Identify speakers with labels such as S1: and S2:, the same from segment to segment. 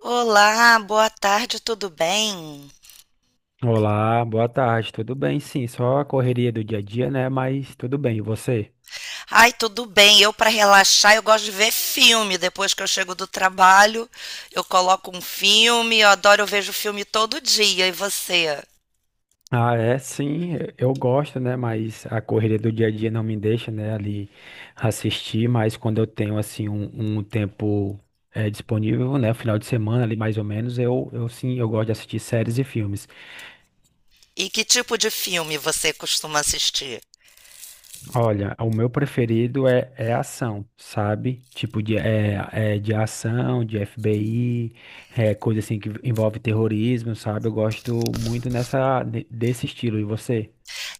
S1: Olá, boa tarde, tudo bem?
S2: Olá, boa tarde. Tudo bem? Sim, só a correria do dia a dia, né? Mas tudo bem. E você?
S1: Ai, tudo bem. Eu, para relaxar, eu gosto de ver filme. Depois que eu chego do trabalho, eu coloco um filme. Eu adoro, eu vejo filme todo dia. E você?
S2: Ah, é, sim, eu gosto, né? Mas a correria do dia a dia não me deixa, né, ali assistir. Mas quando eu tenho, assim, um tempo disponível, né, final de semana ali mais ou menos, eu sim, eu gosto de assistir séries e filmes.
S1: E que tipo de filme você costuma assistir?
S2: Olha, o meu preferido é ação, sabe? Tipo de, é de ação, de FBI, é, coisa assim que envolve terrorismo, sabe? Eu gosto muito nessa, desse estilo. E você?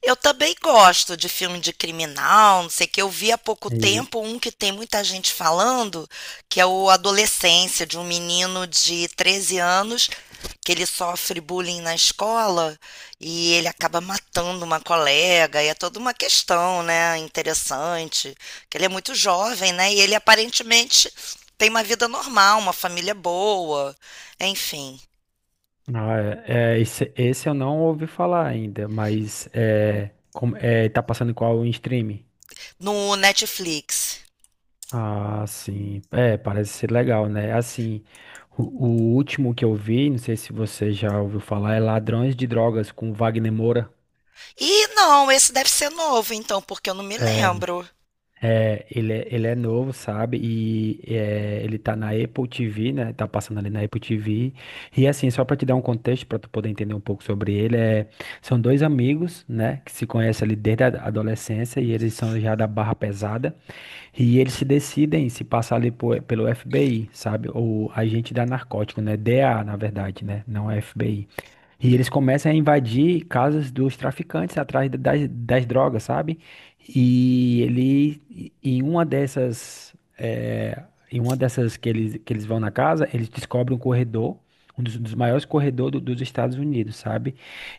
S1: Eu também gosto de filme de criminal, não sei o que. Eu vi há pouco
S2: E,
S1: tempo um que tem muita gente falando, que é o Adolescência, de um menino de 13 anos, que ele sofre bullying na escola e ele acaba matando uma colega, e é toda uma questão, né, interessante, que ele é muito jovem, né, e ele aparentemente tem uma vida normal, uma família boa, enfim,
S2: ah, é, é, esse eu não ouvi falar ainda, mas é, como, é, tá passando em qual stream?
S1: no Netflix.
S2: Ah, sim. É, parece ser legal, né? Assim, o último que eu vi, não sei se você já ouviu falar, é Ladrões de Drogas com Wagner Moura.
S1: E não, esse deve ser novo, então, porque eu não me
S2: É,
S1: lembro.
S2: ele é novo, sabe? E é, ele tá na Apple TV, né? Tá passando ali na Apple TV. E assim, só pra te dar um contexto, pra tu poder entender um pouco sobre ele, é, são dois amigos, né? Que se conhecem ali desde a adolescência e eles são já da barra pesada. E eles se decidem se passar ali pelo FBI, sabe? Ou agente da narcótico, né? DA, na verdade, né? Não é FBI. E eles começam a invadir casas dos traficantes atrás das drogas, sabe? E ele, e- em uma dessas, eh, em uma dessas que eles vão na casa, eles descobrem um corredor, um dos maiores corredores dos Estados Unidos, sabe?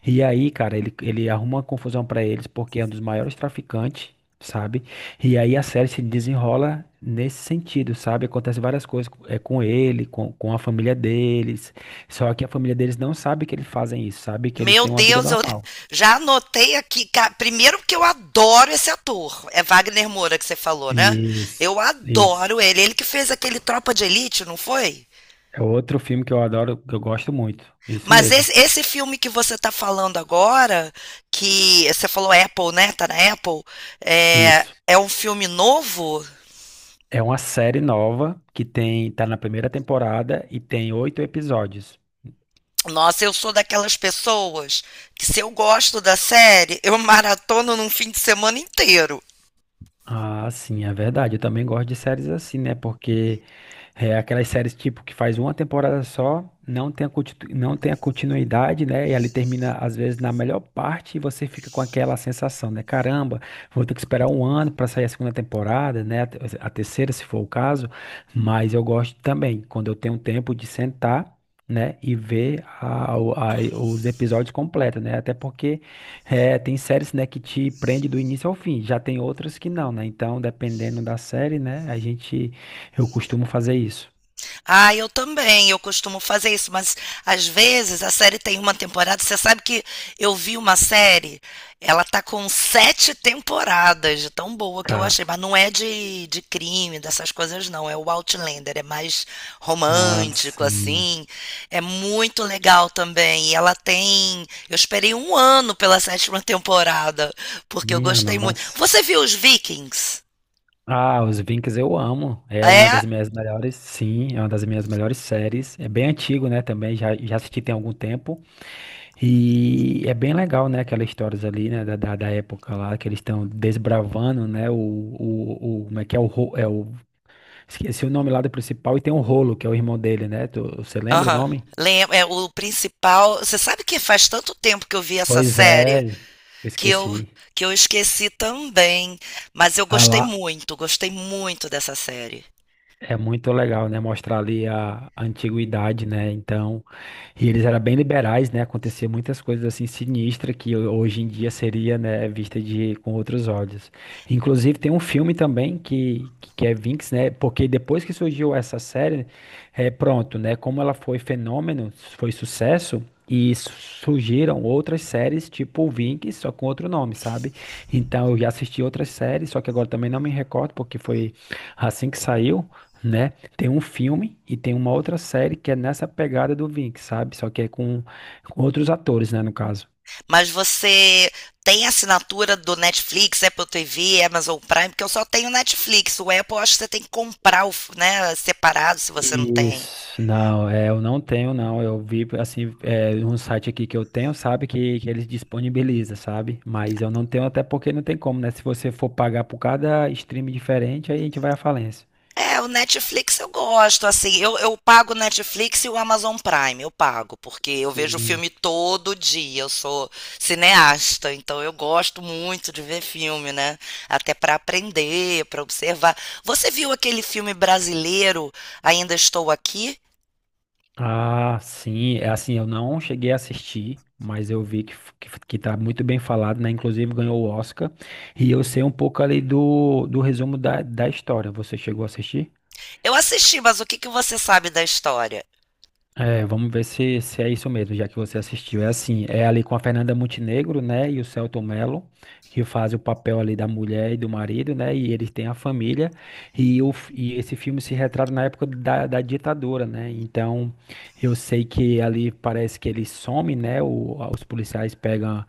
S2: E aí, cara, ele arruma uma confusão pra eles porque é um dos maiores traficantes, sabe? E aí a série se desenrola nesse sentido, sabe? Acontece várias coisas é, com ele, com a família deles. Só que a família deles não sabe que eles fazem isso, sabe? Que eles
S1: Meu
S2: têm uma vida
S1: Deus, eu
S2: normal.
S1: já anotei aqui. Primeiro que eu adoro esse ator. É Wagner Moura que você falou, né?
S2: Isso,
S1: Eu
S2: isso.
S1: adoro ele. Ele que fez aquele Tropa de Elite, não foi?
S2: É outro filme que eu adoro, que eu gosto muito. Isso
S1: Mas
S2: mesmo,
S1: esse filme que você está falando agora, que você falou Apple, né? Tá na Apple. É,
S2: isso.
S1: é um filme novo?
S2: É uma série nova que tem, tá na primeira temporada e tem oito episódios.
S1: Nossa, eu sou daquelas pessoas que se eu gosto da série, eu maratono num fim de semana inteiro.
S2: Ah, sim, é verdade. Eu também gosto de séries assim, né? Porque é aquelas séries tipo que faz uma temporada só, não tem a continuidade, né? E ali termina, às vezes, na melhor parte e você fica com aquela sensação, né? Caramba, vou ter que esperar um ano para sair a segunda temporada, né? A terceira, se for o caso. Mas eu gosto também, quando eu tenho tempo de sentar, né? E ver os episódios completos, né? Até porque. É, tem séries, né, que te prende do início ao fim, já tem outras que não, né? Então, dependendo da série, né, a gente, eu costumo fazer isso.
S1: Ah, eu também, eu costumo fazer isso, mas às vezes a série tem uma temporada. Você sabe que eu vi uma série, ela tá com sete temporadas, de tão boa que eu
S2: Cara,
S1: achei, mas não é de crime, dessas coisas, não. É o Outlander, é mais
S2: ah,
S1: romântico,
S2: sim,
S1: assim. É muito legal também. E ela tem. Eu esperei um ano pela sétima temporada, porque eu
S2: minha
S1: gostei muito.
S2: nossa.
S1: Você viu os Vikings?
S2: Ah, os Vikings eu amo, é uma das
S1: É,
S2: minhas melhores, sim, é uma das minhas melhores séries, é bem antigo, né, também, já, já assisti tem algum tempo, e é bem legal, né, aquelas histórias ali, né, da época lá, que eles estão desbravando, né, como é que é, o, ro- é o Esqueci o nome lá do principal e tem o Rolo, que é o irmão dele, né? Você lembra o
S1: aham.
S2: nome?
S1: É o principal. Você sabe que faz tanto tempo que eu vi essa
S2: Pois é,
S1: série
S2: eu
S1: que eu
S2: esqueci.
S1: que eu esqueci também, mas eu
S2: Ah lá,
S1: gostei muito dessa série.
S2: é muito legal, né? Mostrar ali a antiguidade, né? Então. E eles eram bem liberais, né? Acontecia muitas coisas assim sinistras que hoje em dia seria, né, vista de com outros olhos. Inclusive tem um filme também que é Vinx, né? Porque depois que surgiu essa série, é pronto, né? Como ela foi fenômeno, foi sucesso. E surgiram outras séries tipo Vinx, só com outro nome, sabe? Então eu já assisti outras séries, só que agora também não me recordo, porque foi assim que saiu, né? Tem um filme e tem uma outra série que é nessa pegada do Vink, sabe? Só que é com outros atores, né, no caso.
S1: Mas você tem assinatura do Netflix, Apple TV, Amazon Prime, porque eu só tenho Netflix. O Apple eu acho que você tem que comprar, né, separado se você não tem.
S2: Isso, não, é, eu não tenho, não. Eu vi, assim, é, um site aqui que eu tenho, sabe, que eles disponibilizam, sabe? Mas eu não tenho, até porque não tem como, né? Se você for pagar por cada stream diferente, aí a gente vai à falência.
S1: É, o Netflix eu gosto, assim, eu pago o Netflix e o Amazon Prime, eu pago, porque eu vejo
S2: Sim.
S1: filme todo dia, eu sou cineasta, então eu gosto muito de ver filme, né? Até para aprender, para observar. Você viu aquele filme brasileiro, Ainda Estou Aqui?
S2: Ah, sim, é assim, eu não cheguei a assistir, mas eu vi que tá muito bem falado, né? Inclusive ganhou o Oscar. E eu sei um pouco ali do resumo da história. Você chegou a assistir?
S1: Eu assisti, mas o que que você sabe da história?
S2: É, vamos ver se é isso mesmo, já que você assistiu. É assim, é ali com a Fernanda Montenegro, né, e o Selton Mello, que faz o papel ali da mulher e do marido, né, e eles têm a família, e esse filme se retrata na época da ditadura, né, então eu sei que ali parece que ele some, né, os policiais pegam,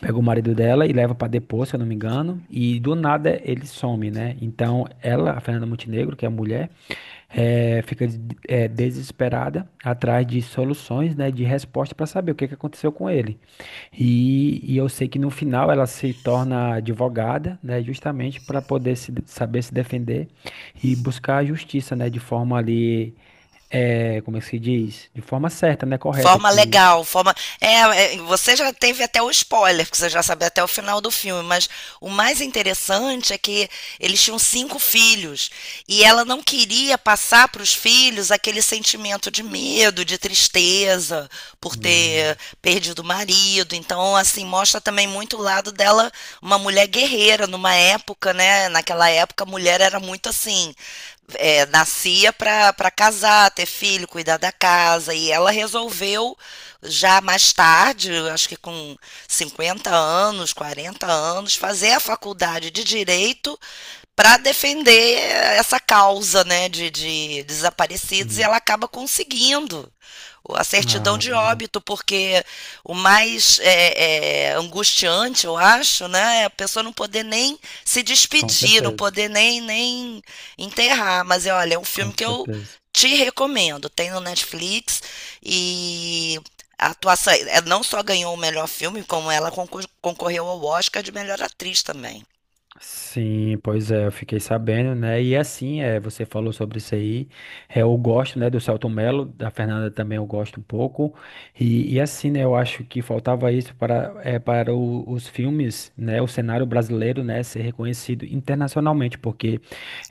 S2: pegam o marido dela e leva para depor, se eu não me engano, e do nada ele some, né, então ela, a Fernanda Montenegro, que é a mulher, é, fica desesperada atrás de soluções, né, de resposta para saber o que que aconteceu com ele. E eu sei que no final ela se torna advogada, né, justamente para poder se, saber se defender e buscar a justiça, né, de forma ali, é, como é que se diz? De forma certa, né, correta,
S1: Forma
S2: com.
S1: legal, forma. É, você já teve até o spoiler, porque você já sabe até o final do filme, mas o mais interessante é que eles tinham cinco filhos e ela não queria passar para os filhos aquele sentimento de medo, de tristeza por ter
S2: Hum.
S1: perdido o marido. Então, assim, mostra também muito o lado dela, uma mulher guerreira numa época, né? Naquela época a mulher era muito assim, é, nascia para casar, ter filho, cuidar da casa. E ela resolveu, já mais tarde, eu acho que com 50 anos, 40 anos, fazer a faculdade de Direito para defender essa causa né, de desaparecidos e
S2: Hum.
S1: ela acaba conseguindo a certidão
S2: Ah,
S1: de
S2: não.
S1: óbito, porque o mais é, angustiante, eu acho, né, é a pessoa não poder nem se
S2: Com
S1: despedir, não
S2: certeza,
S1: poder nem enterrar. Mas é, olha, é um
S2: com
S1: filme que eu
S2: certeza.
S1: te recomendo. Tem no Netflix e a atuação ela não só ganhou o melhor filme, como ela concorreu ao Oscar de melhor atriz também.
S2: Sim, pois é, eu fiquei sabendo, né? E assim, é, você falou sobre isso aí. É, eu gosto, né, do Selton Mello, da Fernanda também eu gosto um pouco. E assim, né, eu acho que faltava isso para, é, para os filmes, né, o cenário brasileiro, né, ser reconhecido internacionalmente, porque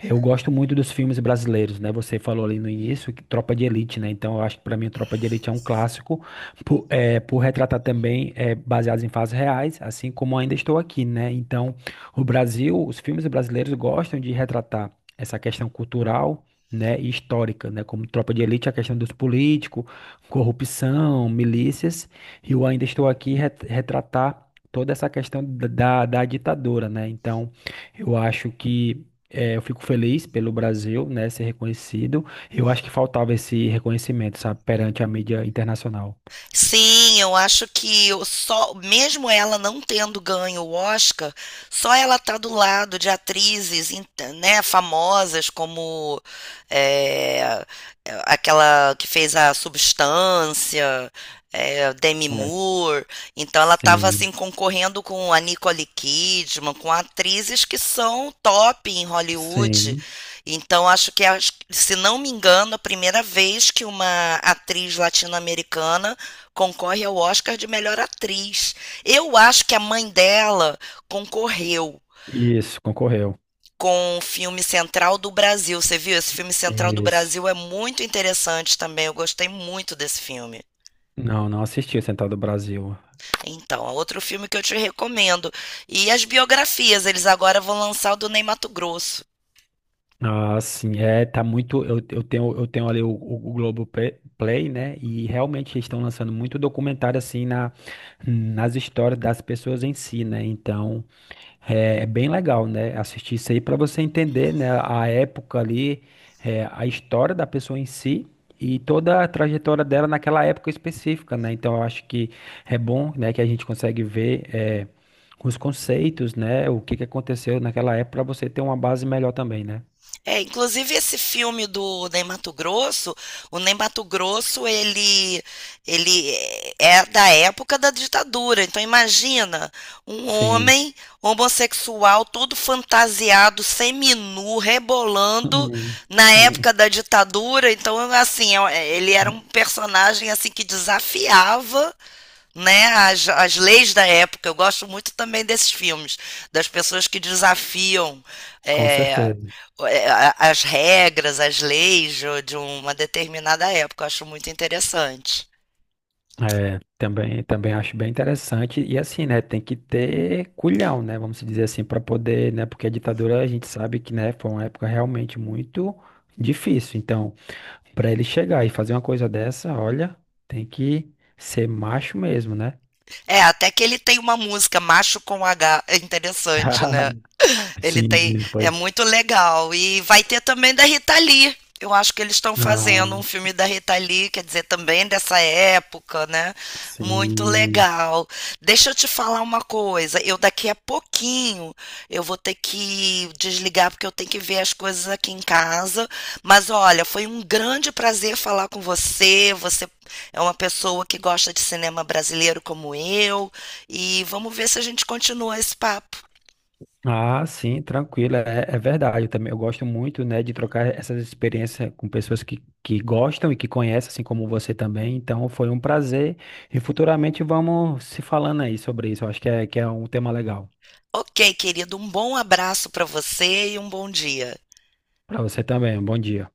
S2: eu gosto muito dos filmes brasileiros, né? Você falou ali no início que Tropa de Elite, né? Então eu acho que para mim Tropa de Elite é um clássico, por retratar também é, baseados em fatos reais, assim como ainda estou aqui, né? Então o Brasil, os filmes brasileiros gostam de retratar essa questão cultural, né, e histórica, né, como Tropa de Elite, a questão dos políticos, corrupção, milícias, e eu ainda estou aqui retratar toda essa questão da ditadura, né? Então, eu acho que eu fico feliz pelo Brasil, né, ser reconhecido. Eu acho que faltava esse reconhecimento, sabe, perante a mídia internacional.
S1: Sim, eu acho que eu só, mesmo ela não tendo ganho o Oscar, só ela tá do lado de atrizes, né, famosas como é, aquela que fez a Substância, é, Demi
S2: É,
S1: Moore. Então ela estava
S2: sim,
S1: assim concorrendo com a Nicole Kidman, com atrizes que são top em Hollywood.
S2: sim.
S1: Então se não me engano, a primeira vez que uma atriz latino-americana concorre ao Oscar de melhor atriz. Eu acho que a mãe dela concorreu
S2: Isso, concorreu.
S1: com o filme Central do Brasil. Você viu? Esse filme Central do
S2: Isso.
S1: Brasil é muito interessante também. Eu gostei muito desse filme.
S2: Não, não assisti o Central do Brasil.
S1: Então, é outro filme que eu te recomendo. E as biografias, eles agora vão lançar o do Ney Matogrosso.
S2: Ah, sim, é, tá muito. Eu tenho ali o Globoplay, né? E realmente eles estão lançando muito documentário assim nas histórias das pessoas em si, né? Então. É bem legal, né? Assistir isso aí para você entender, né, a época ali, é, a história da pessoa em si e toda a trajetória dela naquela época específica, né? Então eu acho que é bom, né, que a gente consegue ver é, os conceitos, né, o que que aconteceu naquela época para você ter uma base melhor também, né?
S1: É, inclusive esse filme do Ney Mato Grosso, o Ney Mato Grosso, ele é da época da ditadura. Então imagina um
S2: Sim.
S1: homem homossexual todo fantasiado, seminu, rebolando na época da ditadura. Então assim, é, ele era um personagem assim que desafiava né, as leis da época. Eu gosto muito também desses filmes, das pessoas que desafiam
S2: Com
S1: é,
S2: certeza.
S1: as regras, as leis de uma determinada época. Eu acho muito interessante.
S2: É, também, também acho bem interessante. E assim, né, tem que ter culhão, né, vamos dizer assim, para poder, né, porque a ditadura a gente sabe que, né, foi uma época realmente muito difícil. Então, para ele chegar e fazer uma coisa dessa, olha, tem que ser macho mesmo, né?
S1: É, até que ele tem uma música, Macho com H, é interessante, né? Ele tem,
S2: Sim,
S1: é
S2: foi.
S1: muito legal. E vai ter também da Rita Lee. Eu acho que eles estão fazendo um
S2: Ah,
S1: filme da Rita Lee, quer dizer, também dessa época, né? Muito
S2: sim.
S1: legal. Deixa eu te falar uma coisa. Eu daqui a pouquinho eu vou ter que desligar porque eu tenho que ver as coisas aqui em casa. Mas olha, foi um grande prazer falar com você. Você é uma pessoa que gosta de cinema brasileiro como eu, e vamos ver se a gente continua esse papo.
S2: Ah, sim, tranquilo, é verdade. Eu também eu gosto muito, né, de trocar essas experiências com pessoas que gostam e que conhecem, assim como você também. Então, foi um prazer e futuramente vamos se falando aí sobre isso. Eu acho que é um tema legal
S1: Ok, querido, um bom abraço para você e um bom dia.
S2: para você também. Bom dia.